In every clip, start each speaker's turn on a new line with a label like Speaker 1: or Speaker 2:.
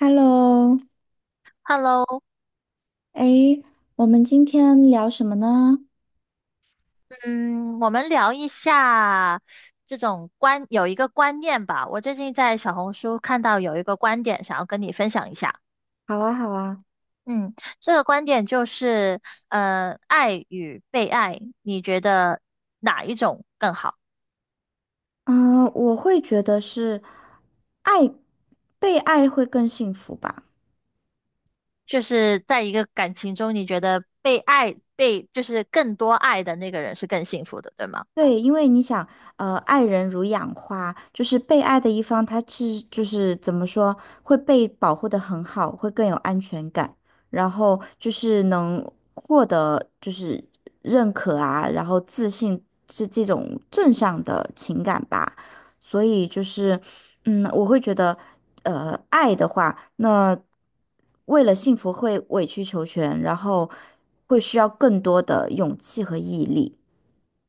Speaker 1: Hello，
Speaker 2: Hello，
Speaker 1: 哎，我们今天聊什么呢？
Speaker 2: 嗯，我们聊一下这种观，有一个观念吧。我最近在小红书看到有一个观点，想要跟你分享一下。
Speaker 1: 好啊，好啊，
Speaker 2: 嗯，这个观点就是，爱与被爱，你觉得哪一种更好？
Speaker 1: 嗯、我会觉得是爱，被爱会更幸福吧。
Speaker 2: 就是在一个感情中，你觉得被爱，被就是更多爱的那个人是更幸福的，对吗？
Speaker 1: 对，因为你想，爱人如养花，就是被爱的一方，他是就是怎么说，会被保护的很好，会更有安全感，然后就是能获得就是认可啊，然后自信是这种正向的情感吧。所以就是，嗯，我会觉得，爱的话，那为了幸福会委曲求全，然后会需要更多的勇气和毅力。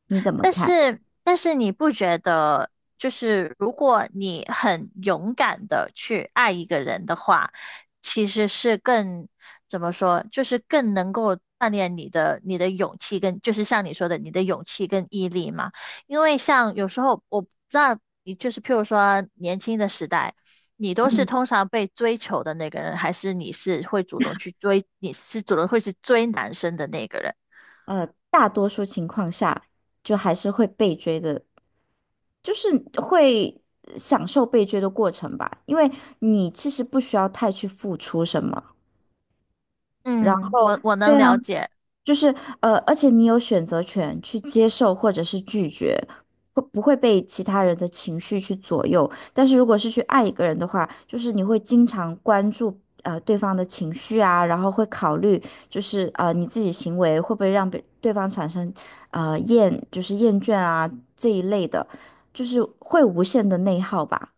Speaker 1: 你怎么
Speaker 2: 但
Speaker 1: 看？
Speaker 2: 是，但是你不觉得，就是如果你很勇敢的去爱一个人的话，其实是怎么说，就是更能够锻炼你的勇气跟，就是像你说的，你的勇气跟毅力嘛。因为像有时候我不知道，你就是譬如说年轻的时代，你都是
Speaker 1: 嗯
Speaker 2: 通常被追求的那个人，还是你是会主动去追，你是主动会去追男生的那个人？
Speaker 1: 大多数情况下，就还是会被追的，就是会享受被追的过程吧，因为你其实不需要太去付出什么，然
Speaker 2: 嗯，
Speaker 1: 后。
Speaker 2: 我
Speaker 1: 对
Speaker 2: 能
Speaker 1: 啊。
Speaker 2: 了解。
Speaker 1: 就是,而且你有选择权去接受或者是拒绝，会不会被其他人的情绪去左右？但是如果是去爱一个人的话，就是你会经常关注对方的情绪啊，然后会考虑就是你自己行为会不会让别对方产生呃厌就是厌倦啊这一类的，就是会无限的内耗吧。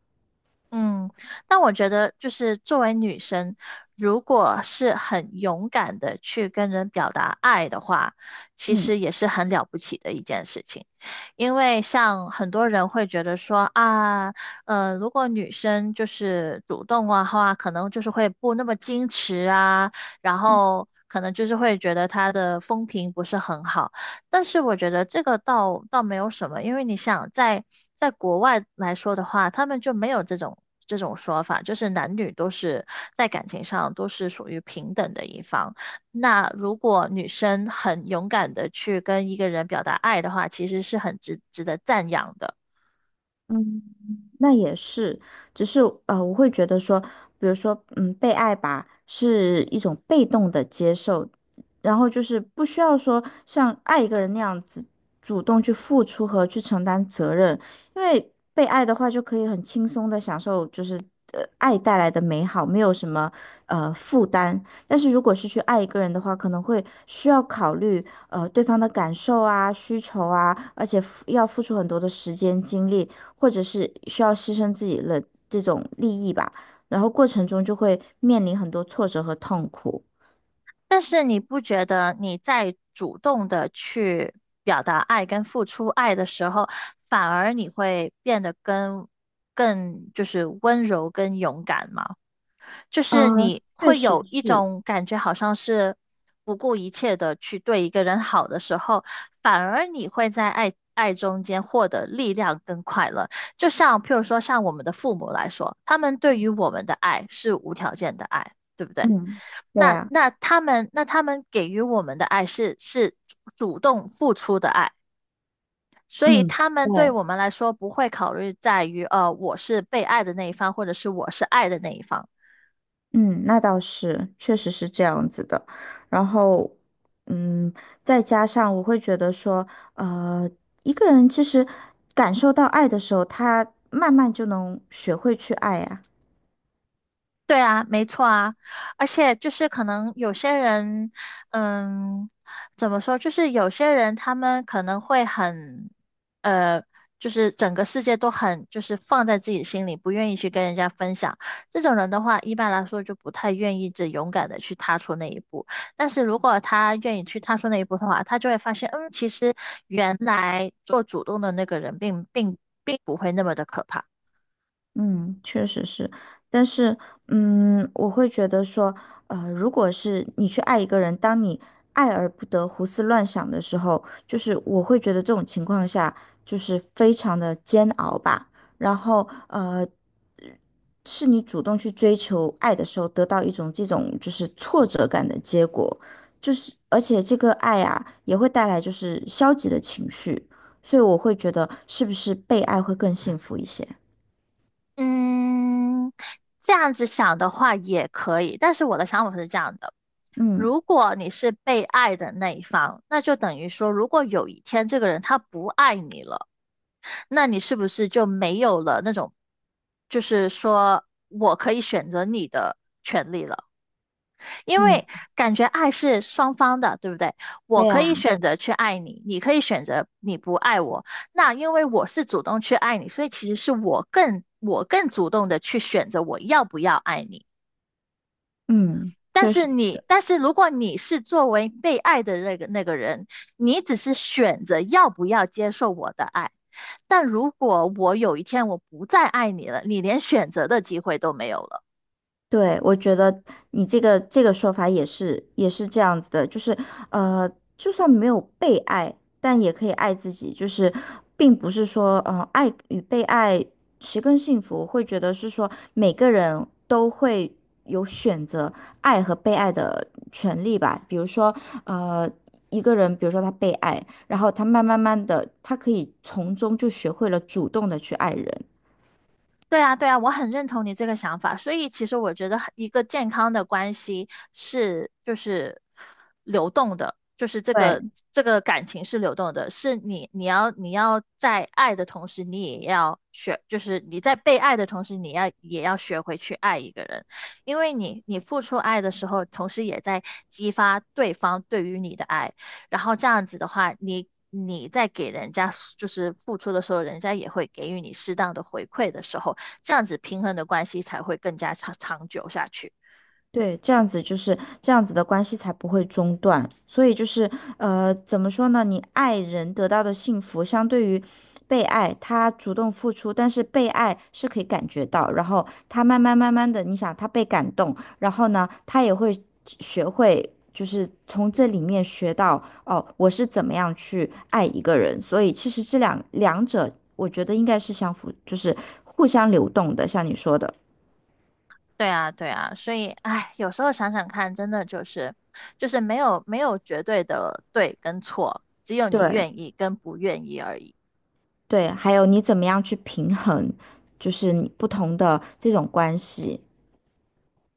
Speaker 2: 嗯，但我觉得就是作为女生，如果是很勇敢的去跟人表达爱的话，其实也是很了不起的一件事情。因为像很多人会觉得说啊，如果女生就是主动的话，可能就是会不那么矜持啊，然后可能就是会觉得她的风评不是很好。但是我觉得这个倒没有什么，因为你想在国外来说的话，他们就没有这种说法，就是男女都是在感情上都是属于平等的一方。那如果女生很勇敢的去跟一个人表达爱的话，其实是很值得赞扬的。
Speaker 1: 嗯。那也是，只是我会觉得说，比如说，嗯，被爱吧，是一种被动的接受，然后就是不需要说像爱一个人那样子主动去付出和去承担责任，因为被爱的话就可以很轻松的享受，就是爱带来的美好，没有什么负担。但是如果是去爱一个人的话，可能会需要考虑对方的感受啊、需求啊，而且付要付出很多的时间精力。或者是需要牺牲自己的这种利益吧，然后过程中就会面临很多挫折和痛苦。
Speaker 2: 但是你不觉得你在主动的去表达爱跟付出爱的时候，反而你会变得跟更就是温柔跟勇敢吗？就
Speaker 1: 啊，
Speaker 2: 是你
Speaker 1: 确
Speaker 2: 会
Speaker 1: 实
Speaker 2: 有一
Speaker 1: 是，
Speaker 2: 种感觉，好像是不顾一切的去对一个人好的时候，反而你会在爱中间获得力量跟快乐。就像譬如说，像我们的父母来说，他们对于我们的爱是无条件的爱，对不对？
Speaker 1: 嗯，对
Speaker 2: 那
Speaker 1: 啊，
Speaker 2: 那他们那他们给予我们的爱是主动付出的爱。所以
Speaker 1: 嗯，
Speaker 2: 他们
Speaker 1: 对，
Speaker 2: 对我们来说不会考虑在于，我是被爱的那一方，或者是我是爱的那一方。
Speaker 1: 嗯，那倒是，确实是这样子的。然后，嗯，再加上我会觉得说，呃，一个人其实感受到爱的时候，他慢慢就能学会去爱呀。
Speaker 2: 对啊，没错啊，而且就是可能有些人，嗯，怎么说，就是有些人他们可能会很，呃，就是整个世界都很就是放在自己心里，不愿意去跟人家分享。这种人的话，一般来说就不太愿意这勇敢的去踏出那一步。但是如果他愿意去踏出那一步的话，他就会发现，嗯，其实原来做主动的那个人并不会那么的可怕。
Speaker 1: 嗯，确实是，但是，嗯，我会觉得说，如果是你去爱一个人，当你爱而不得、胡思乱想的时候，就是我会觉得这种情况下就是非常的煎熬吧。然后，是你主动去追求爱的时候，得到一种这种就是挫折感的结果，就是而且这个爱啊，也会带来就是消极的情绪，所以我会觉得是不是被爱会更幸福一些？
Speaker 2: 嗯，这样子想的话也可以，但是我的想法是这样的：
Speaker 1: 嗯，
Speaker 2: 如果你是被爱的那一方，那就等于说，如果有一天这个人他不爱你了，那你是不是就没有了那种，就是说我可以选择你的权利了？因
Speaker 1: 嗯，
Speaker 2: 为感觉爱是双方的，对不对？
Speaker 1: 对
Speaker 2: 我可以
Speaker 1: 呀。
Speaker 2: 选择去爱你，你可以选择你不爱我。那因为我是主动去爱你，所以其实是我更主动的去选择我要不要爱你。
Speaker 1: 嗯，
Speaker 2: 但
Speaker 1: 确
Speaker 2: 是
Speaker 1: 实，
Speaker 2: 你，但是如果你是作为被爱的那个人，你只是选择要不要接受我的爱。但如果我有一天我不再爱你了，你连选择的机会都没有了。
Speaker 1: 对，我觉得你这个说法也是这样子的，就是呃，就算没有被爱，但也可以爱自己，就是并不是说，爱与被爱谁更幸福，我会觉得是说每个人都会有选择爱和被爱的权利吧。比如说，呃，一个人，比如说他被爱，然后他慢慢慢的，他可以从中就学会了主动的去爱人。
Speaker 2: 对啊，对啊，我很认同你这个想法。所以其实我觉得很一个健康的关系是就是流动的，就是这个
Speaker 1: 对。
Speaker 2: 这个感情是流动的，是你要在爱的同时，你也要学，就是你在被爱的同时，你要也要学会去爱一个人，因为你付出爱的时候，同时也在激发对方对于你的爱，然后这样子的话，你。你在给人家就是付出的时候，人家也会给予你适当的回馈的时候，这样子平衡的关系才会更加长久下去。
Speaker 1: 对，这样子就是这样子的关系才不会中断。所以就是，呃，怎么说呢？你爱人得到的幸福，相对于被爱，他主动付出，但是被爱是可以感觉到，然后他慢慢慢慢的，你想他被感动，然后呢，他也会学会，就是从这里面学到，哦，我是怎么样去爱一个人。所以其实这两两者，我觉得应该是相符，就是互相流动的，像你说的。
Speaker 2: 对啊，对啊，所以哎，有时候想想看，真的就是就是没有绝对的对跟错，只有你
Speaker 1: 对，
Speaker 2: 愿意跟不愿意而已。
Speaker 1: 对，还有你怎么样去平衡，就是你不同的这种关系。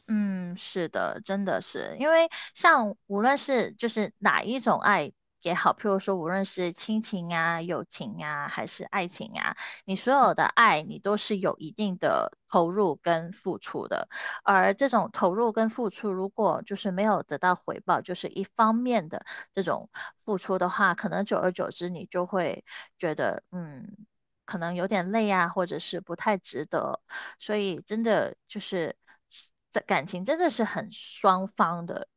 Speaker 2: 嗯，是的，真的是，因为像无论是就是哪一种爱也好，譬如说无论是亲情啊、友情啊，还是爱情啊，你所有的爱你都是有一定的投入跟付出的，而这种投入跟付出如果就是没有得到回报，就是一方面的这种付出的话，可能久而久之你就会觉得，嗯，可能有点累啊，或者是不太值得，所以真的就是这感情真的是很双方的。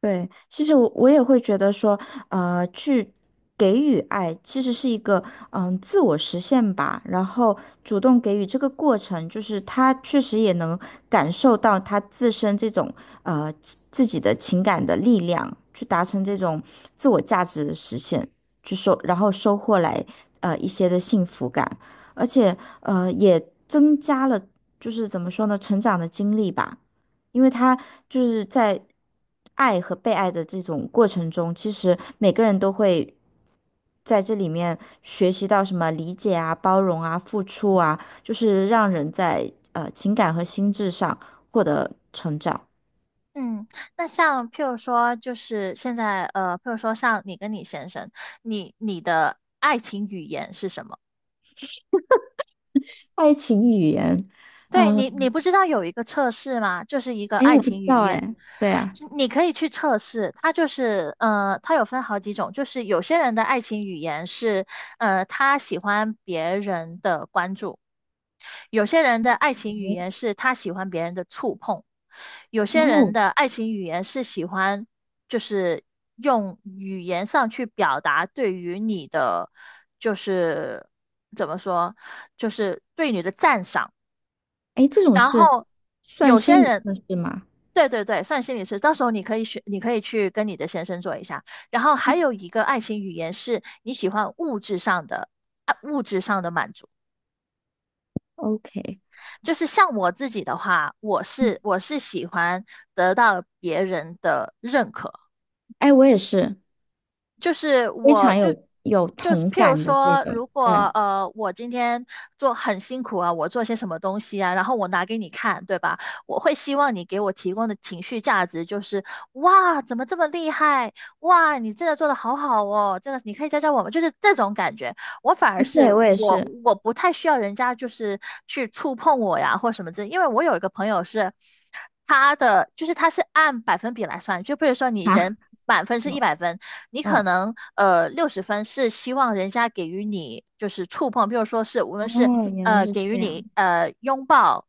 Speaker 1: 对，其实我也会觉得说，去给予爱其实是一个嗯自我实现吧。然后主动给予这个过程，就是他确实也能感受到他自身这种自己的情感的力量，去达成这种自我价值的实现，然后收获来一些的幸福感，而且也增加了就是怎么说呢，成长的经历吧。因为他就是在爱和被爱的这种过程中，其实每个人都会在这里面学习到什么理解啊、包容啊、付出啊，就是让人在情感和心智上获得
Speaker 2: 嗯，那像譬如说，就是现在呃，譬如说像你跟你先生，你你的爱情语言是什么？
Speaker 1: 爱情语言。
Speaker 2: 对你，
Speaker 1: 嗯，
Speaker 2: 你不知道有一个测试吗？就是一个
Speaker 1: 哎，
Speaker 2: 爱
Speaker 1: 我不知
Speaker 2: 情语
Speaker 1: 道
Speaker 2: 言，
Speaker 1: 哎，对啊，
Speaker 2: 你可以去测试。它就是，它有分好几种，就是有些人的爱情语言是，他喜欢别人的关注，有些人的爱情语言是他喜欢别人的触碰，有些人
Speaker 1: 哦，
Speaker 2: 的爱情语言是喜欢，就是用语言上去表达对于你的，就是怎么说，就是对你的赞赏。
Speaker 1: 哎，这种
Speaker 2: 然
Speaker 1: 是
Speaker 2: 后
Speaker 1: 算
Speaker 2: 有
Speaker 1: 心
Speaker 2: 些
Speaker 1: 理
Speaker 2: 人，
Speaker 1: 测试吗
Speaker 2: 对对对，算心理师，到时候你可以选，你可以去跟你的先生做一下。然后还有一个爱情语言是你喜欢物质上的，啊，物质上的满足。
Speaker 1: ？OK,
Speaker 2: 就是像我自己的话，我
Speaker 1: 嗯
Speaker 2: 是我是喜欢得到别人的认可。
Speaker 1: 哎，我也是
Speaker 2: 就是
Speaker 1: 非常有同
Speaker 2: 譬如
Speaker 1: 感的这
Speaker 2: 说，
Speaker 1: 种，
Speaker 2: 如果
Speaker 1: 对，
Speaker 2: 我今天做很辛苦啊，我做些什么东西啊，然后我拿给你看，对吧？我会希望你给我提供的情绪价值就是哇，怎么这么厉害？哇，你真的做的好好哦，真的，是你可以教教我们，就是这种感觉。我反而
Speaker 1: 哎，
Speaker 2: 是
Speaker 1: 对我也
Speaker 2: 我
Speaker 1: 是。
Speaker 2: 我不太需要人家就是去触碰我呀或什么之类，因为我有一个朋友是。他的就是他是按百分比来算，就比如说 你
Speaker 1: 啊，
Speaker 2: 人满分是一
Speaker 1: 嗯
Speaker 2: 百分，你可
Speaker 1: 嗯，
Speaker 2: 能60分是希望人家给予你就是触碰，比如说是无论是
Speaker 1: 哦，原来是
Speaker 2: 给予
Speaker 1: 这
Speaker 2: 你
Speaker 1: 样。
Speaker 2: 拥抱、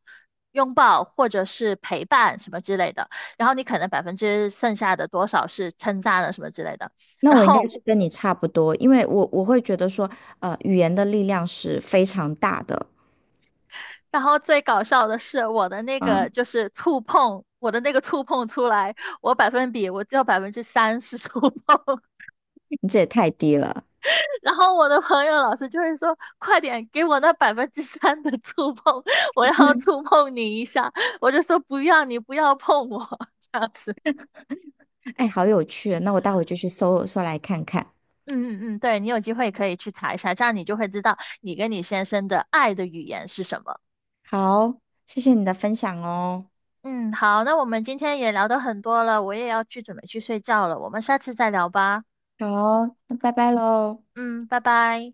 Speaker 2: 拥抱或者是陪伴什么之类的，然后你可能百分之剩下的多少是称赞了什么之类的，
Speaker 1: 那
Speaker 2: 然
Speaker 1: 我应该
Speaker 2: 后
Speaker 1: 是跟你差不多，因为我会觉得说，语言的力量是非常大的。
Speaker 2: 然后最搞笑的是我的那个
Speaker 1: 嗯，
Speaker 2: 就是触碰，我的那个触碰出来，我百分比我只有百分之三是触碰。
Speaker 1: 你这也太低了。
Speaker 2: 然后我的朋友老师就会说：“快点给我那百分之三的触碰，我要触碰你一下。”我就说：“不要，你不要碰我。这样子。
Speaker 1: 哎，好有趣哦，那我待会就去搜搜来看看。
Speaker 2: 嗯嗯嗯，对，你有机会可以去查一下，这样你就会知道你跟你先生的爱的语言是什么。
Speaker 1: 好，谢谢你的分享哦。
Speaker 2: 嗯，好，那我们今天也聊得很多了，我也要去准备去睡觉了，我们下次再聊吧。
Speaker 1: 好，那拜拜喽。
Speaker 2: 嗯，拜拜。